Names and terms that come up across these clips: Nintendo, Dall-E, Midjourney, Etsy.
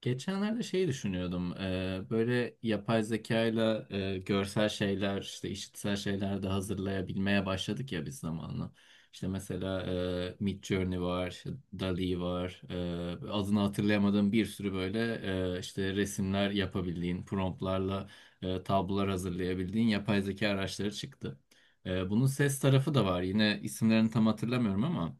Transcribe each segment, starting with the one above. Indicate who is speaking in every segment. Speaker 1: Geçenlerde şeyi düşünüyordum. Böyle yapay zekayla ile görsel şeyler, işte işitsel şeyler de hazırlayabilmeye başladık ya biz zamanla. İşte mesela Midjourney var, işte Dall-E var. Adını hatırlayamadığım bir sürü böyle işte resimler yapabildiğin, promptlarla tablolar hazırlayabildiğin yapay zeka araçları çıktı. Bunun ses tarafı da var. Yine isimlerini tam hatırlamıyorum ama.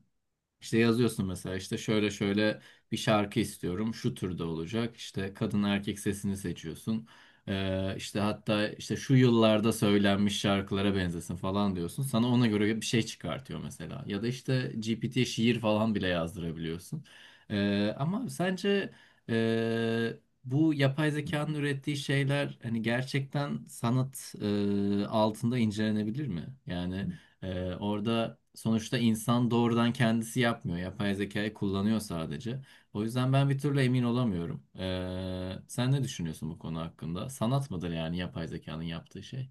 Speaker 1: İşte yazıyorsun mesela, işte şöyle şöyle bir şarkı istiyorum, şu türde olacak, işte kadın erkek sesini seçiyorsun. İşte hatta işte şu yıllarda söylenmiş şarkılara benzesin falan diyorsun, sana ona göre bir şey çıkartıyor mesela. Ya da işte GPT'ye şiir falan bile yazdırabiliyorsun. Ama sence e, bu yapay zekanın ürettiği şeyler hani gerçekten sanat altında incelenebilir mi? Yani orada sonuçta insan doğrudan kendisi yapmıyor. Yapay zekayı kullanıyor sadece. O yüzden ben bir türlü emin olamıyorum. Sen ne düşünüyorsun bu konu hakkında? Sanat mıdır yani yapay zekanın yaptığı şey?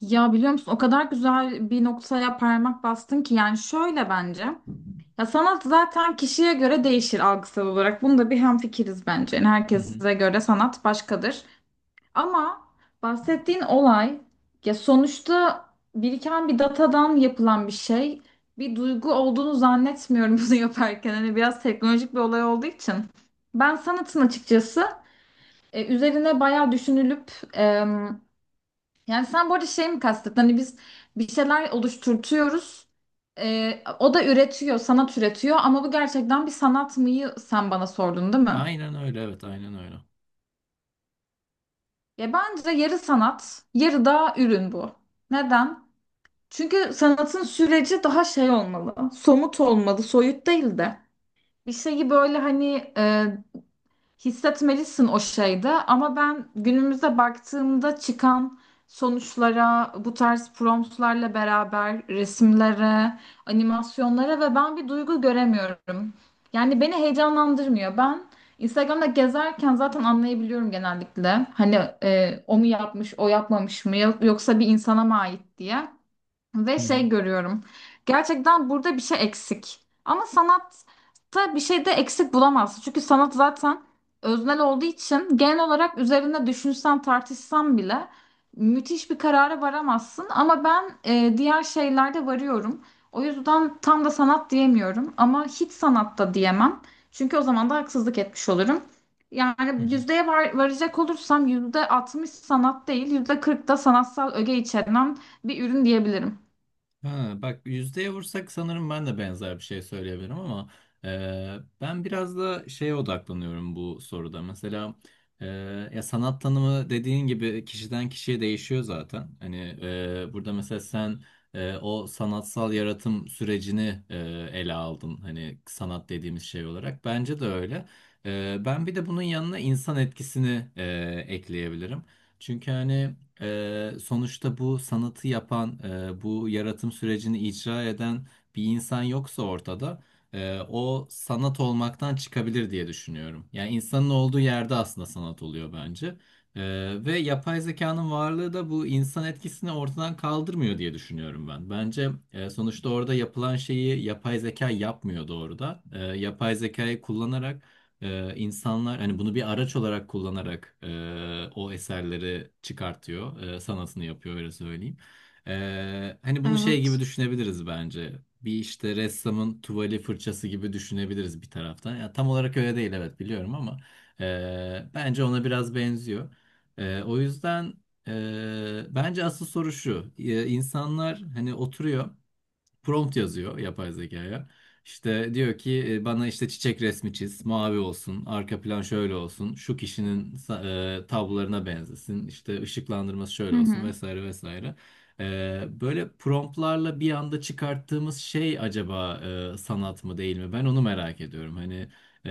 Speaker 2: Ya biliyor musun, o kadar güzel bir noktaya parmak bastın ki, yani şöyle bence. Ya sanat zaten kişiye göre değişir algısal olarak. Bunda bir hemfikiriz bence. Yani
Speaker 1: Hı hı.
Speaker 2: herkese göre sanat başkadır. Ama bahsettiğin olay, ya sonuçta biriken bir datadan yapılan bir şey. Bir duygu olduğunu zannetmiyorum bunu yaparken. Hani biraz teknolojik bir olay olduğu için. Ben sanatın açıkçası üzerine bayağı düşünülüp, yani sen bu arada şey mi kastettin? Hani biz bir şeyler oluşturtuyoruz. O da üretiyor, sanat üretiyor, ama bu gerçekten bir sanat mıyı sen bana sordun değil mi?
Speaker 1: Aynen öyle, evet, aynen öyle.
Speaker 2: Ya bence yarı sanat, yarı da ürün bu. Neden? Çünkü sanatın süreci daha şey olmalı, somut olmalı, soyut değil de. Bir şeyi böyle hani hissetmelisin o şeyde, ama ben günümüze baktığımda çıkan sonuçlara, bu tarz promptlarla beraber resimlere, animasyonlara ve ben bir duygu göremiyorum. Yani beni heyecanlandırmıyor. Ben Instagram'da gezerken zaten anlayabiliyorum genellikle. Hani o mu yapmış, o yapmamış mı, yoksa bir insana mı ait diye. Ve
Speaker 1: Hı hı.
Speaker 2: şey görüyorum. Gerçekten burada bir şey eksik. Ama sanatta bir şey de eksik bulamazsın. Çünkü sanat zaten öznel olduğu için, genel olarak üzerinde düşünsen tartışsan bile müthiş bir karara varamazsın. Ama ben diğer şeylerde varıyorum. O yüzden tam da sanat diyemiyorum. Ama hiç sanatta diyemem. Çünkü o zaman da haksızlık etmiş olurum.
Speaker 1: Hı
Speaker 2: Yani
Speaker 1: hı.
Speaker 2: yüzdeye var, varacak olursam yüzde 60 sanat değil, yüzde 40 da sanatsal öge içeren bir ürün diyebilirim.
Speaker 1: Ha, bak, yüzdeye vursak sanırım ben de benzer bir şey söyleyebilirim ama ben biraz da şeye odaklanıyorum bu soruda. Mesela e, ya sanat tanımı dediğin gibi kişiden kişiye değişiyor zaten. Hani burada mesela sen o sanatsal yaratım sürecini ele aldın. Hani sanat dediğimiz şey olarak. Bence de öyle. Ben bir de bunun yanına insan etkisini ekleyebilirim. Çünkü hani sonuçta bu sanatı yapan, bu yaratım sürecini icra eden bir insan yoksa ortada, o sanat olmaktan çıkabilir diye düşünüyorum. Yani insanın olduğu yerde aslında sanat oluyor bence. Ve yapay zekanın varlığı da bu insan etkisini ortadan kaldırmıyor diye düşünüyorum ben. Bence sonuçta orada yapılan şeyi yapay zeka yapmıyor doğrudan. Yapay zekayı kullanarak insanlar hani bunu bir araç olarak kullanarak o eserleri çıkartıyor, sanatını yapıyor, öyle söyleyeyim. Hani bunu şey gibi
Speaker 2: Evet.
Speaker 1: düşünebiliriz bence. Bir işte ressamın tuvali, fırçası gibi düşünebiliriz bir taraftan. Ya tam olarak öyle değil, evet, biliyorum ama bence ona biraz benziyor. O yüzden bence asıl soru şu. İnsanlar hani oturuyor, prompt yazıyor yapay zekaya. İşte diyor ki bana işte çiçek resmi çiz, mavi olsun, arka plan şöyle olsun, şu kişinin tablolarına benzesin, işte ışıklandırması
Speaker 2: Hı
Speaker 1: şöyle olsun
Speaker 2: hı.
Speaker 1: vesaire vesaire. Böyle promptlarla bir anda çıkarttığımız şey acaba sanat mı değil mi? Ben onu merak ediyorum. Hani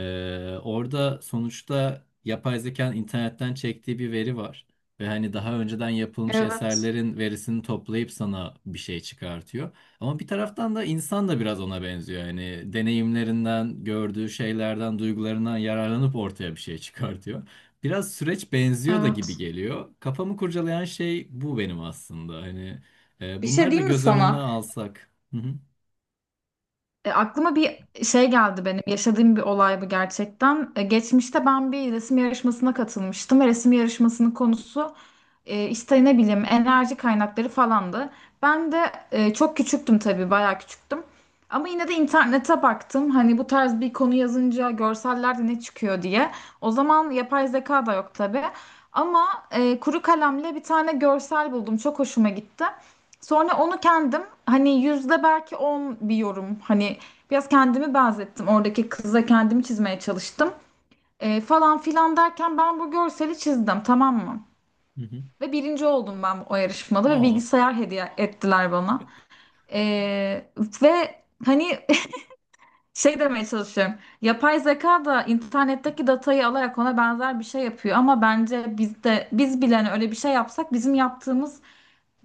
Speaker 1: orada sonuçta yapay zekanın internetten çektiği bir veri var. Ve hani daha önceden yapılmış
Speaker 2: Evet.
Speaker 1: eserlerin verisini toplayıp sana bir şey çıkartıyor. Ama bir taraftan da insan da biraz ona benziyor. Yani deneyimlerinden, gördüğü şeylerden, duygularından yararlanıp ortaya bir şey çıkartıyor. Biraz süreç benziyor da gibi
Speaker 2: Evet.
Speaker 1: geliyor. Kafamı kurcalayan şey bu benim aslında. Hani
Speaker 2: Bir şey
Speaker 1: bunları da
Speaker 2: diyeyim mi
Speaker 1: göz önünden
Speaker 2: sana?
Speaker 1: alsak. Hı hı.
Speaker 2: Aklıma bir şey geldi benim. Yaşadığım bir olay bu gerçekten. Geçmişte ben bir resim yarışmasına katılmıştım ve resim yarışmasının konusu işte ne bileyim enerji kaynakları falandı. Ben de çok küçüktüm tabii, bayağı küçüktüm. Ama yine de internete baktım. Hani bu tarz bir konu yazınca görsellerde ne çıkıyor diye. O zaman yapay zeka da yok tabii. Ama kuru kalemle bir tane görsel buldum. Çok hoşuma gitti. Sonra onu kendim, hani, yüzde belki 10 bir yorum, hani biraz kendimi benzettim. Oradaki kıza kendimi çizmeye çalıştım. Falan filan derken ben bu görseli çizdim, tamam mı?
Speaker 1: Hı hı.
Speaker 2: Ve birinci oldum ben o yarışmada ve
Speaker 1: Aa.
Speaker 2: bilgisayar hediye ettiler bana. Ee, Ve hani şey demeye çalışıyorum. Yapay zeka da internetteki datayı alarak ona benzer bir şey yapıyor, ama bence biz de, bile hani öyle bir şey yapsak, bizim yaptığımız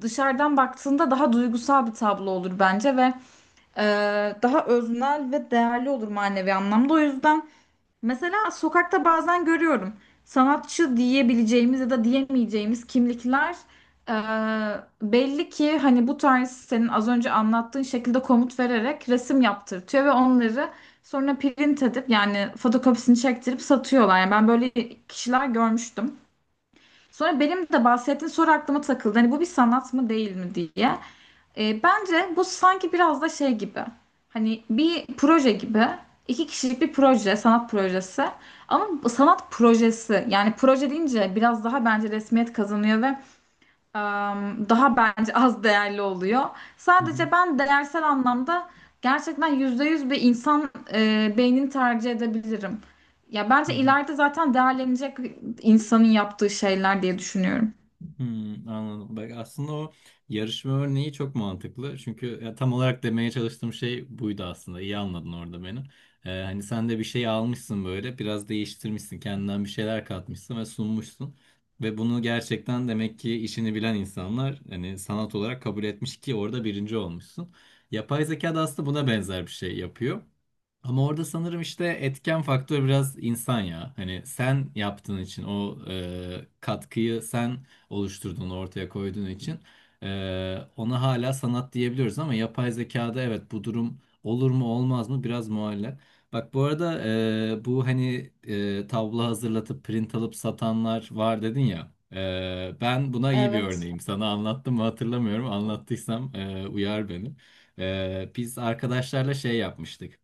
Speaker 2: dışarıdan baktığında daha duygusal bir tablo olur bence ve e, daha öznel ve değerli olur manevi anlamda. O yüzden mesela sokakta bazen görüyorum, sanatçı diyebileceğimiz ya da diyemeyeceğimiz kimlikler e, belli ki hani bu tarz, senin az önce anlattığın şekilde komut vererek resim yaptırtıyor ve onları sonra print edip, yani fotokopisini çektirip satıyorlar. Yani ben böyle kişiler görmüştüm. Sonra benim de bahsettiğin soru aklıma takıldı. Hani bu bir sanat mı değil mi diye. Bence bu sanki biraz da şey gibi. Hani bir proje gibi. İki kişilik bir proje, sanat projesi. Ama bu sanat projesi, yani proje deyince biraz daha bence resmiyet kazanıyor ve daha bence az değerli oluyor.
Speaker 1: Hı hı.
Speaker 2: Sadece ben değersel anlamda gerçekten %100 bir insan beynini tercih edebilirim. Ya
Speaker 1: Hı
Speaker 2: bence
Speaker 1: hı.
Speaker 2: ileride zaten değerlenecek insanın yaptığı şeyler diye düşünüyorum.
Speaker 1: Hmm, anladım. Bak, aslında o yarışma örneği çok mantıklı. Çünkü ya, tam olarak demeye çalıştığım şey buydu aslında. İyi anladın orada beni. Hani sen de bir şey almışsın böyle, biraz değiştirmişsin, kendinden bir şeyler katmışsın ve sunmuşsun. Ve bunu gerçekten demek ki işini bilen insanlar hani sanat olarak kabul etmiş ki orada birinci olmuşsun. Yapay zeka da aslında buna benzer bir şey yapıyor. Ama orada sanırım işte etken faktör biraz insan ya. Hani sen yaptığın için, o katkıyı sen oluşturduğunu ortaya koyduğun için ona hala sanat diyebiliyoruz ama yapay zekada evet, bu durum olur mu olmaz mı, biraz muallak. Bak, bu arada bu hani tablo hazırlatıp print alıp satanlar var dedin ya. Ben buna iyi bir
Speaker 2: Evet.
Speaker 1: örneğim. Sana anlattım mı, hatırlamıyorum. Anlattıysam uyar beni. Biz arkadaşlarla şey yapmıştık.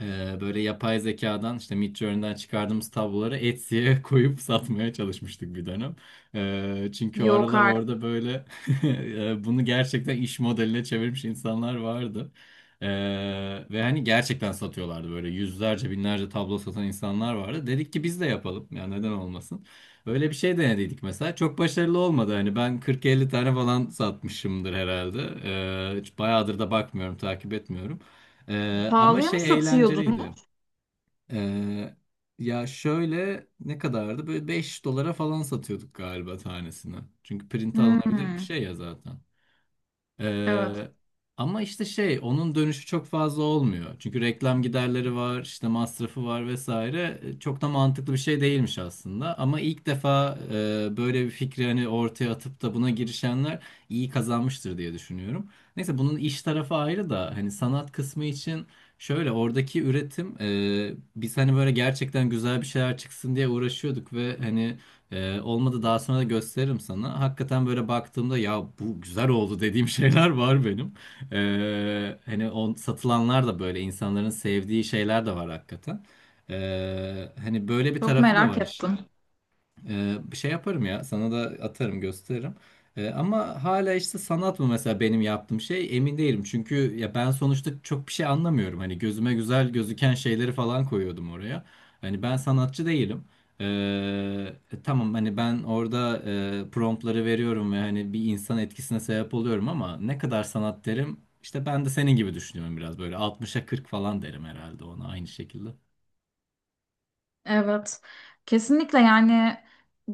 Speaker 1: Böyle yapay zekadan işte Midjourney'den çıkardığımız tabloları Etsy'ye koyup satmaya çalışmıştık bir dönem. Çünkü o
Speaker 2: Yok
Speaker 1: aralar
Speaker 2: artık.
Speaker 1: orada böyle bunu gerçekten iş modeline çevirmiş insanlar vardı. Ee, ve hani gerçekten satıyorlardı, böyle yüzlerce, binlerce tablo satan insanlar vardı. Dedik ki biz de yapalım ya, neden olmasın. Öyle bir şey denediydik mesela. Çok başarılı olmadı. Hani ben 40-50 tane falan satmışımdır herhalde. Hiç bayağıdır da bakmıyorum, takip etmiyorum. Ama
Speaker 2: Pahalıya mı
Speaker 1: şey,
Speaker 2: satıyordun?
Speaker 1: eğlenceliydi. Ee, Ya şöyle, ne kadardı? Böyle 5 dolara falan satıyorduk galiba tanesini. Çünkü print alınabilir bir
Speaker 2: Hmm,
Speaker 1: şey ya zaten.
Speaker 2: evet.
Speaker 1: Ee, Ama işte şey, onun dönüşü çok fazla olmuyor. Çünkü reklam giderleri var, işte masrafı var vesaire. Çok da mantıklı bir şey değilmiş aslında. Ama ilk defa böyle bir fikri hani ortaya atıp da buna girişenler iyi kazanmıştır diye düşünüyorum. Neyse, bunun iş tarafı ayrı da hani sanat kısmı için şöyle, oradaki üretim, biz hani böyle gerçekten güzel bir şeyler çıksın diye uğraşıyorduk ve hani olmadı, daha sonra da gösteririm sana. Hakikaten böyle baktığımda ya bu güzel oldu dediğim şeyler var benim. Hani satılanlar da böyle insanların sevdiği şeyler de var hakikaten. Hani böyle bir
Speaker 2: Çok
Speaker 1: tarafı da
Speaker 2: merak
Speaker 1: var
Speaker 2: ettim.
Speaker 1: işin. Şey, yaparım ya, sana da atarım, gösteririm. Ama hala işte sanat mı mesela benim yaptığım şey, emin değilim. Çünkü ya ben sonuçta çok bir şey anlamıyorum. Hani gözüme güzel gözüken şeyleri falan koyuyordum oraya. Hani ben sanatçı değilim. Ee, tamam hani ben orada promptları veriyorum ve hani bir insan etkisine sebep oluyorum ama ne kadar sanat derim, işte ben de senin gibi düşünüyorum biraz, böyle 60'a 40 falan derim herhalde ona, aynı şekilde.
Speaker 2: Evet. Kesinlikle, yani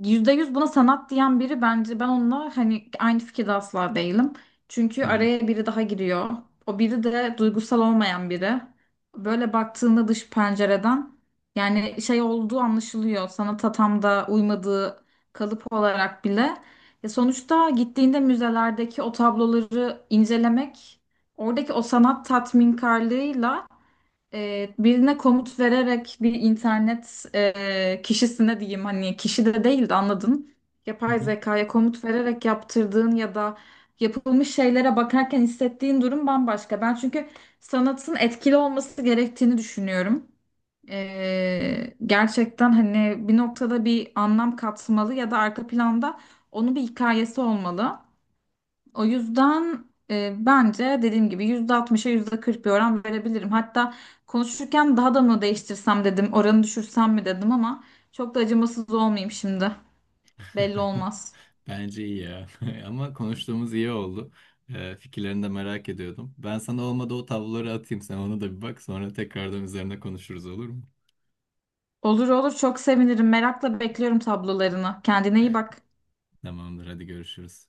Speaker 2: yüzde yüz buna sanat diyen biri, bence ben onunla hani aynı fikirde asla değilim. Çünkü
Speaker 1: Hı hı.
Speaker 2: araya biri daha giriyor. O biri de duygusal olmayan biri. Böyle baktığında, dış pencereden, yani şey olduğu anlaşılıyor. Sanata tam da uymadığı, kalıp olarak bile. Sonuçta gittiğinde müzelerdeki o tabloları incelemek, oradaki o sanat tatminkarlığıyla, birine komut vererek, bir internet kişisine diyeyim, hani kişi de değil de, anladın.
Speaker 1: Hı
Speaker 2: Yapay
Speaker 1: hı.
Speaker 2: zekaya komut vererek yaptırdığın ya da yapılmış şeylere bakarken hissettiğin durum bambaşka. Ben çünkü sanatın etkili olması gerektiğini düşünüyorum. Gerçekten hani bir noktada bir anlam katmalı ya da arka planda onun bir hikayesi olmalı. O yüzden bence dediğim gibi %60'a %40 bir oran verebilirim. Hatta konuşurken daha da mı değiştirsem dedim, oranı düşürsem mi dedim, ama çok da acımasız olmayayım şimdi. Belli olmaz.
Speaker 1: Bence iyi ya. Ama konuştuğumuz iyi oldu. Fikirlerini de merak ediyordum. Ben sana, olmadı, o tabloları atayım. Sen ona da bir bak. Sonra tekrardan üzerine konuşuruz, olur mu?
Speaker 2: Olur olur, çok sevinirim. Merakla bekliyorum tablolarını. Kendine iyi bak.
Speaker 1: Tamamdır. Hadi görüşürüz.